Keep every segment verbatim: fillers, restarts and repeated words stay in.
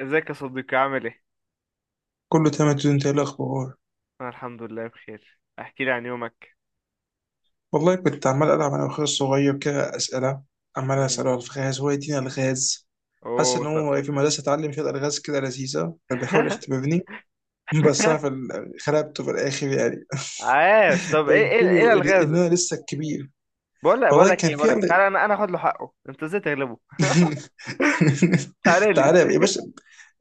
ازيك يا صديقي، عامل ايه؟ كله تمام يا دود، انت ايه الاخبار؟ انا الحمد لله بخير، احكي لي عن يومك. والله كنت عمال العب انا واخويا الصغير كده اسئله، عمال مم. اساله الغاز، هو يديني الغاز. حاسس اوه، ان طب هو كنت. في مدرسه اتعلم شويه الغاز كده لذيذه، كان بيحاول يختبرني. بس انا في ال- خلبته في الاخر يعني. عاش. طب ايه بينت ايه ايه له ان الالغاز؟ إن انا لسه الكبير. بقول لك بقول والله لك كان ايه بقول في لك إيه، ألغ- تعالى، انا انا اخد له حقه. انت ازاي تغلبه؟ تعالى لي. تعالى يا باشا.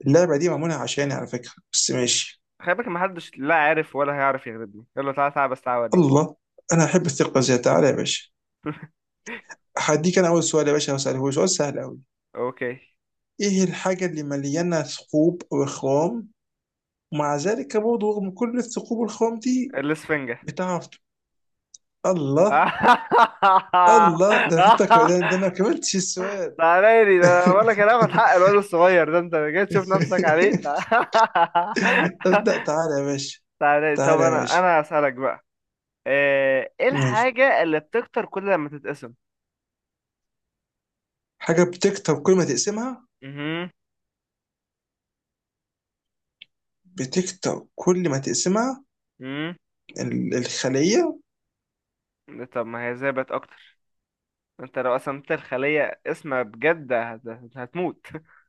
اللعبه دي معموله عشاني على فكره، بس ماشي. خلي بالك، محدش لا عارف ولا هيعرف يغلبني، يلا تعالى تعالى بس تعالى اوريك. الله، انا احب الثقه، زي تعالى يا باشا. هديك انا اول سؤال يا باشا، هساله، هو سؤال سهل قوي. اوكي. ايه الحاجة اللي مليانة ثقوب وخوام، ومع ذلك برضه رغم كل الثقوب والخوام دي، الاسفنجة. بتعرف ت- الله، الله. ده أنا حتى ك... ده, ده انا ما كملتش السؤال. تعالى لي، ده أنا بقول لك انا هاخد حق الواد الصغير ده. انت جاي تشوف نفسك عليه؟ ابدأ تعالى يا باشا، تعالى لي. طب تعالى يا انا باشا. انا هسألك بقى. آه، ايه ماشي. الحاجة اللي بتكتر كل لما تتقسم؟ حاجة بتكتر كل ما تقسمها، مهم. بتكتر كل ما تقسمها. مهم. ال- الخلية. طب ما هي ازاي بقت اكتر؟ انت لو قسمت الخلية اسمها بجد هت- هتموت.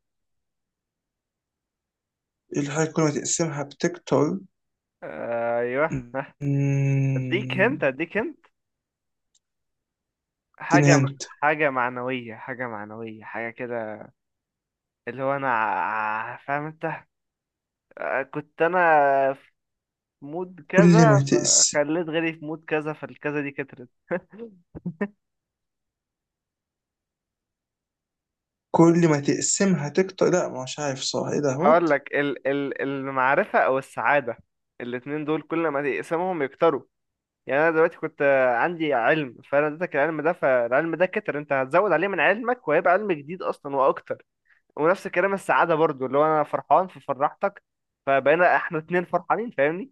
إيه الحاجة كل ما تقسمها بتكتر؟ ايوه. اديك هنت مم، اديك هنت. اديني حاجة م- هنت. حاجة معنوية حاجة معنوية حاجة كده. اللي هو انا ع- فاهم انت؟ آه، كنت انا في مود كل كذا، ما تقسم، فخليت غيري في مود كذا، فالكذا دي كترت. كل ما تقسمها تكتر. لا مش عارف، صح ايه ده هوت. هقول لك ال ال المعرفة او السعادة، الاتنين دول كل ما تقسمهم يكتروا. يعني انا دلوقتي كنت آه، عندي علم، فانا اديتك العلم ده، فالعلم ده كتر، انت هتزود عليه من علمك وهيبقى علم جديد اصلا واكتر. ونفس الكلام السعاده برضو، اللي هو انا فرحان ففرحتك، فبقينا احنا اتنين فرحانين، فاهمني؟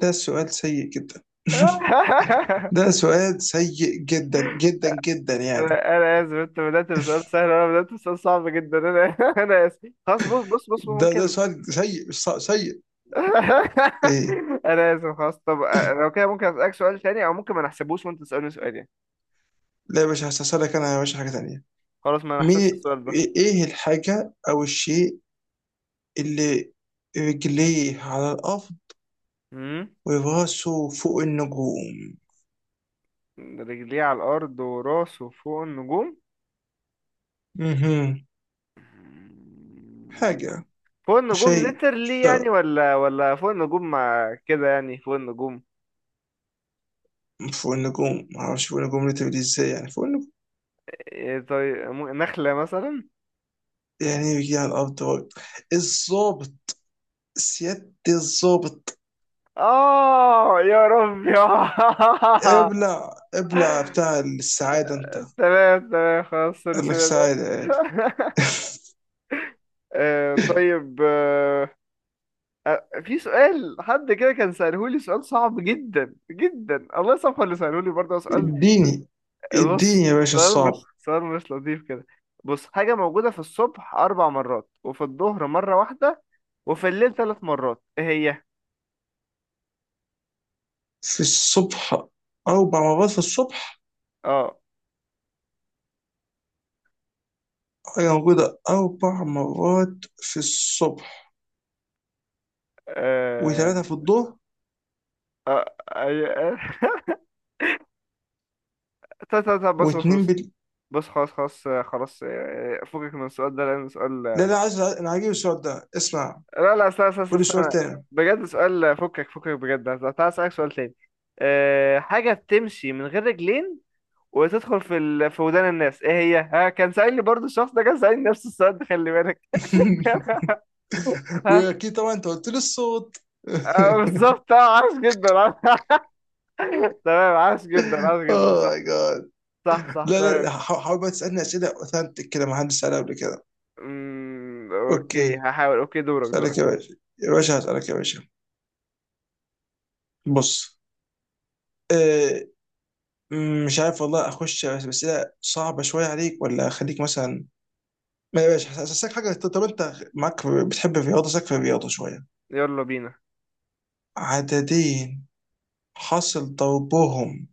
ده سؤال سيء جدا. ده سؤال سيء جدا جدا جدا يعني. انا انا اسف، انت بدات بسؤال سهل وانا بدات بسؤال صعب جدا. انا انا اسف خلاص، بص بص بص ده ده ممكن. سؤال سيء، مش صع- سيء. ايه؟ انا اسف خلاص. طب لو كده ممكن اسالك سؤال تاني، او ممكن ما نحسبوش وانت تسالني سؤال يعني. لا يا باشا، هسألك انا يا باشا حاجة تانية. خلاص، ما نحسبش مين، السؤال ده. ايه، إيه الحاجة او الشيء اللي رجليه على الارض مم. وراسه فوق النجوم؟ رجليه على الأرض وراسه فوق النجوم. مهم. مم. حاجة، فوق النجوم شيء ليترلي يعني شيء ولا ولا فوق النجوم مع كده يعني فوق النجوم؟ فوق النجوم، معرفش فوق النجوم ليه، ازاي يعني فوق النجوم؟ إيه، طيب م- نخلة مثلا. يعني ايه بيجي على الارض هو؟ الظابط، سيادة الظابط. آه يا رب يا ابلع ابلع بتاع السعادة انت. تمام تمام، خلاص قال لك الرسالة ده. سعادة قال. آه، طيب آه، آه، في سؤال حد كده كان سألهولي، سؤال صعب جدا جدا، الله يصفى اللي سألهولي برضه سؤال. اديني، اديني بص، يا باشا سؤال الصعب. مش سؤال مش لطيف كده. بص، حاجة موجودة في الصبح أربع مرات، وفي الظهر مرة واحدة، وفي الليل ثلاث مرات، إيه هي؟ في الصبح، أربع مرات في الصبح. اه. حاجة موجودة أربع مرات في الصبح، آه، وثلاثة في الظهر، آه، أي- طب طب طب، بص بص واتنين بص، بال... بص خلاص خلاص، آه، خلاص، آه، فكك من السؤال ده لأن سؤال لا آه، لا، عايز أنا، عاجبني السؤال ده اسمع، لا لا، استنى استنى قولي سؤال استنى، تاني. بجد سؤال فكك فكك بجد. تعالى أسألك سؤال تاني. آه، حاجة بتمشي من غير رجلين وتدخل في ال... في ودان الناس، ايه هي؟ ها، كان سألني برضو الشخص ده كان سألني نفس السؤال ده، خلي بالك. ها. وأكيد طبعا أنت قلت لي الصوت. آه، بالظبط، اه، عاش جدا. تمام عاش جدا عاش جدا، أوه صح. ماي جاد. صح صح لا تمام. لا، حا- حاول بقى تسألني أسئلة أوثنتك كده، ما حدش سألها قبل كده. أمم، اوكي أوكي، هحاول، اوكي، دورك أسألك دورك. يا باشا، يا باشا هسألك يا باشا. بص، آه، م- مش عارف والله، أخش بس أسئلة صعبة شوية عليك، ولا أخليك مثلا. ما يا باشا، هس- هسألك حاجة. طب طب أنت معاك بتحب الرياضة، سألك في الرياضة شوية. يلا بينا. عددين حصل ضربهم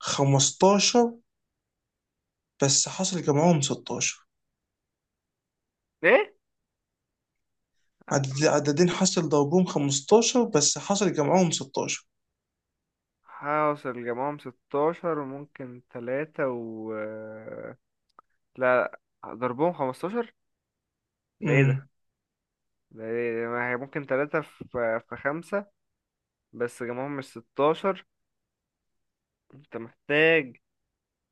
خمستاشر بس حصل جمعهم ستاشر. ايه؟ عدد- عددين حصل ضربهم خمستاشر بس حصل جمعهم ستاشر. هوصل جمعهم ستاشر وممكن تلاتة و لا، ضربهم خمسة عشر، ده ايه ده؟ امم ده إيه؟ ما هي ممكن تلاتة في في خمسة بس جمعهم مش ستاشر. انت محتاج.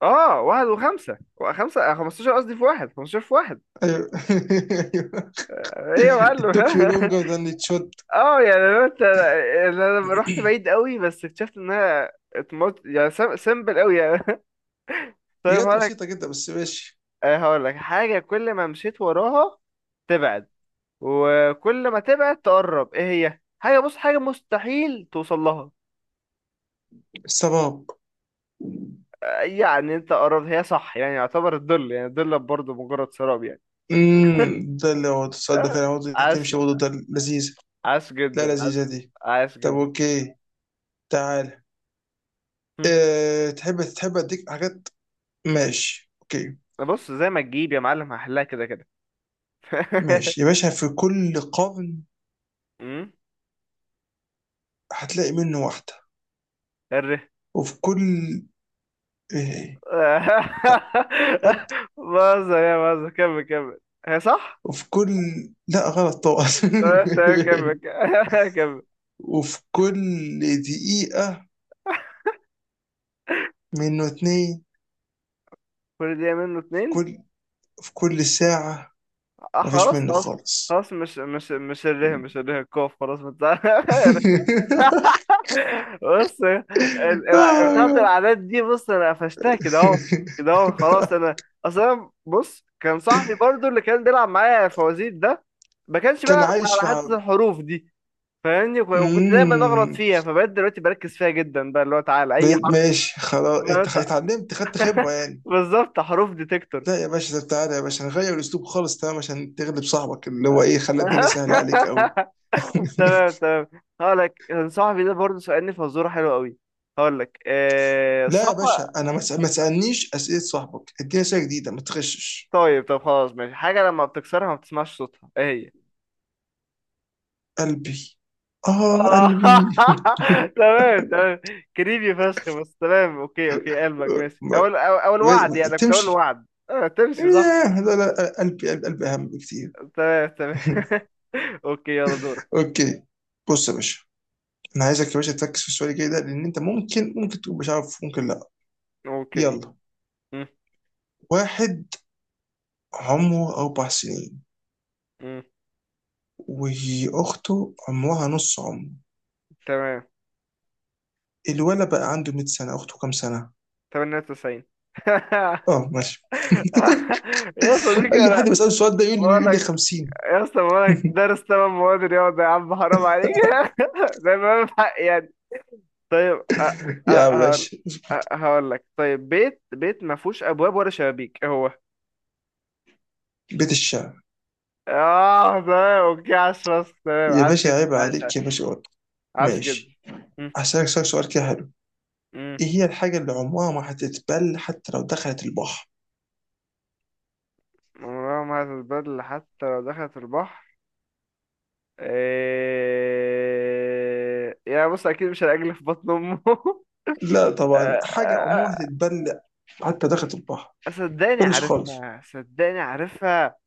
اه، واحد وخمسة وخمسة خمسة عشر، قصدي في واحد، خمسة عشر في واحد. ايوه. ايه يا it معلم؟ took you longer than it should. اه يعني لو انت يعني انا لما رحت بعيد قوي بس اكتشفت انها اتمط يعني سم... سمبل قوي يعني. طيب بجد هقول لك. بسيطة جدا بس ماشي. آه، هقول لك حاجه كل ما مشيت وراها تبعد، وكل ما تبعد تقرب، ايه هي؟ حاجه، بص حاجه مستحيل توصل لها. السباب. يعني انت قربت، هي صح يعني، يعتبر الظل، يعني الظل برضه مجرد سراب يعني. امم ده اللي هو تصدق آه، فعلا عاوز عاش. تمشي برضه، ده لذيذ. عاش لا جدا عاش. لذيذة دي. عاش طب جدا. اوكي، تعال، أه، تحب تحب اديك حاجات، ماشي اوكي. بص زي ما تجيب يا معلم هحلها كده كده. ماشي يا باشا، في كل قرن مم. هتلاقي منه واحدة. الرخام. وفي كل، ايه، طب، وات، بهزر يا بهزر، كمل كمل. هي صح؟ وفي كل، لا غلط طبعا. تمام تمام، كمل. كمل. وفي كل دقيقة منه اتنين. كل دقيقة منه في اتنين. كل، في كل ساعة آه، مفيش خلاص منه خلاص. خالص. خلاص مش مش مش الره، مش الره الكوف، خلاص ما انت- بص ال- ال- آه، بتاعت يا. الأعداد دي، بص أنا قفشتها كده أهو. كده أهو، خلاص أنا أصلا، بص كان صاحبي برضو اللي كان بيلعب معايا فوازير ده ما كانش كان بيلعب على عايش حتة مع. الحروف دي، فاهمني؟ وك- وكنت دايما اغلط امم فيها، فبقيت دلوقتي بركز فيها جدا، بقى اللي هو تعالى اي بقيت حرف. ماشي خلاص، انت خ- غلط- اتعلمت، خدت خبرة يعني. بالظبط، حروف ديتكتور. لا يا باشا، طب تعالى يا باشا نغير الاسلوب خالص، تمام، عشان تغلب صاحبك اللي هو ايه، خلى الدنيا سهلة عليك قوي. تمام تمام، هقول لك. صاحبي ده برضه سألني فزوره حلوه قوي، هقول لك. آه لا يا صح، باشا، انا ما تس- ما تسالنيش اسئله صاحبك، اديني اسئله جديده، ما تغشش. طيب طب خلاص ماشي، حاجه لما بتكسرها ما بتسمعش صوتها، ايه هي؟ قلبي، اه آه. قلبي. تمام تمام، كريبي فشخ، بس تمام، اوكي اوكي قلبك ماشي. ما- اول اول أول وعد ما- يعني، أنا كنت اقول تمشي، وعد آه تمشي، صح. ياه، لا لا، قلبي قلبي, قلبي اهم بكتير. تمام تمام. اوكي يلا دورك. اوكي، بص يا باشا، انا عايزك يا باشا تركز في السؤال الجاي ده، لان انت ممكن، ممكن تكون مش عارف، ممكن لا. اوكي. يلا، مم. واحد عمره اربع سنين، مم. واخته عمرها نص عمره، تمام. الولد بقى عنده مية سنه، اخته كام سنه؟ تمانية وتسعين. اه ماشي. يا صديقي، اي انا حد بيسال السؤال ده يقول لي، يقول لي بقولك، خمسين. يا اسطى بقولك دارس تمام مواد رياضة يا عم، حرام عليك. ده ما حق يعني. طيب، أ- أ- يا هقول، باشا، أ- هقول لك طيب. بيت بيت ما فيهوش ابواب ولا شبابيك، إيه هو؟ بيت الشعر. اه تمام، اوكي، عاش فشخ تمام، يا عاش باشا جدا عيب عاش عاش. عليك يا باشا، قط. عاش جدا. ماشي، مم. هسألك سؤال، سؤال كده حلو. مم. ايه هي الحاجه اللي عمرها ما هتتبل حتى لو دخلت البحر؟ عمرها ما هتتبدل حتى لو دخلت البحر. إيه، يعني بص اكيد مش العجل في بطن امه. آه، لا طبعا، حاجة آه، عموما هتتبلع حتى داخل البحر، آه، صدقني تبلش خالص، عارفها، صدقني عارفها.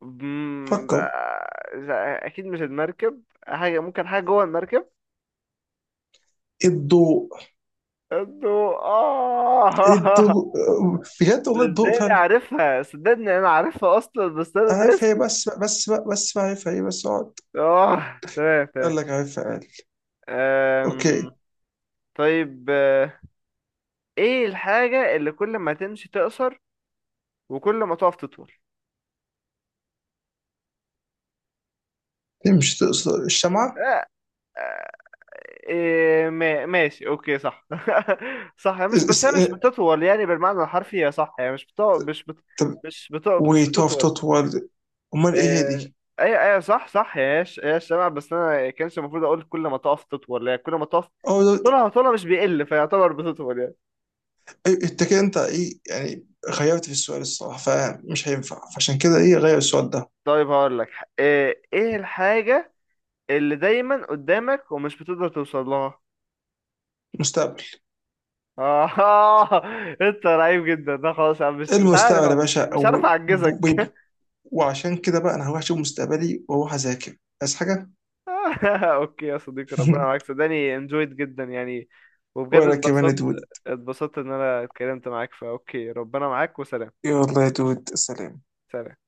مم، فكر. آه، اكيد مش المركب، حاجه ممكن حاجه جوه المركب. الضوء، الضوء، اه. الضوء، بجد والله الضوء صدقني فعلا. عارفها، صدقني انا عارفها اصلا بس انا عارفها هي ناسي. بس بقى بس بقى بس بقى، عارفها هي بس اقعد. اه تمام تمام. قال لك عارفها قال. اوكي. أم، طيب، آه، ايه الحاجه اللي كل ما تمشي تقصر وكل ما تقف تطول؟ مش تقصد الشمعة؟ إيه ما- ماشي، اوكي، صح. صح، هي مش، اس- بس اس- هي مش اه، بتطول يعني بالمعنى الحرفي، هي صح، هي مش بتو... مش بت... طب، مش بتو... مش وتقف بتطول. تطول، امال ايه هي إيه، دي؟ ايوه ايوه صح صح، هي ش... هي الشمع، بس انا كانش المفروض اقول كل ما تقف تطول، يعني كل ما تقف اه ده- طولها طولها مش بيقل فيعتبر بتطول يعني. إيه- انت كده، انت ايه يعني، غيرت في السؤال الصراحة، فمش هينفع، فعشان كده ايه غير السؤال ده. طيب هقول لك. ايه إيه الحاجة اللي دايما قدامك ومش بتقدر توصل لها؟ مستقبل، آه، انت رهيب جدا، ده خلاص أنا مش مش عارف. المستقبل يا باشا. مش عارف او اعجزك. وعشان كده بقى انا هروح اشوف مستقبلي، واروح اذاكر، عايز حاجه. اوكي يا صديقي، ربنا معاك، صدقني enjoyed جدا يعني. وبجد ولا كمان يا اتبسطت، دود، اتبسطت ان انا اتكلمت معاك، فاوكي ربنا معاك، وسلام. يلا يا دود سلام. سلام.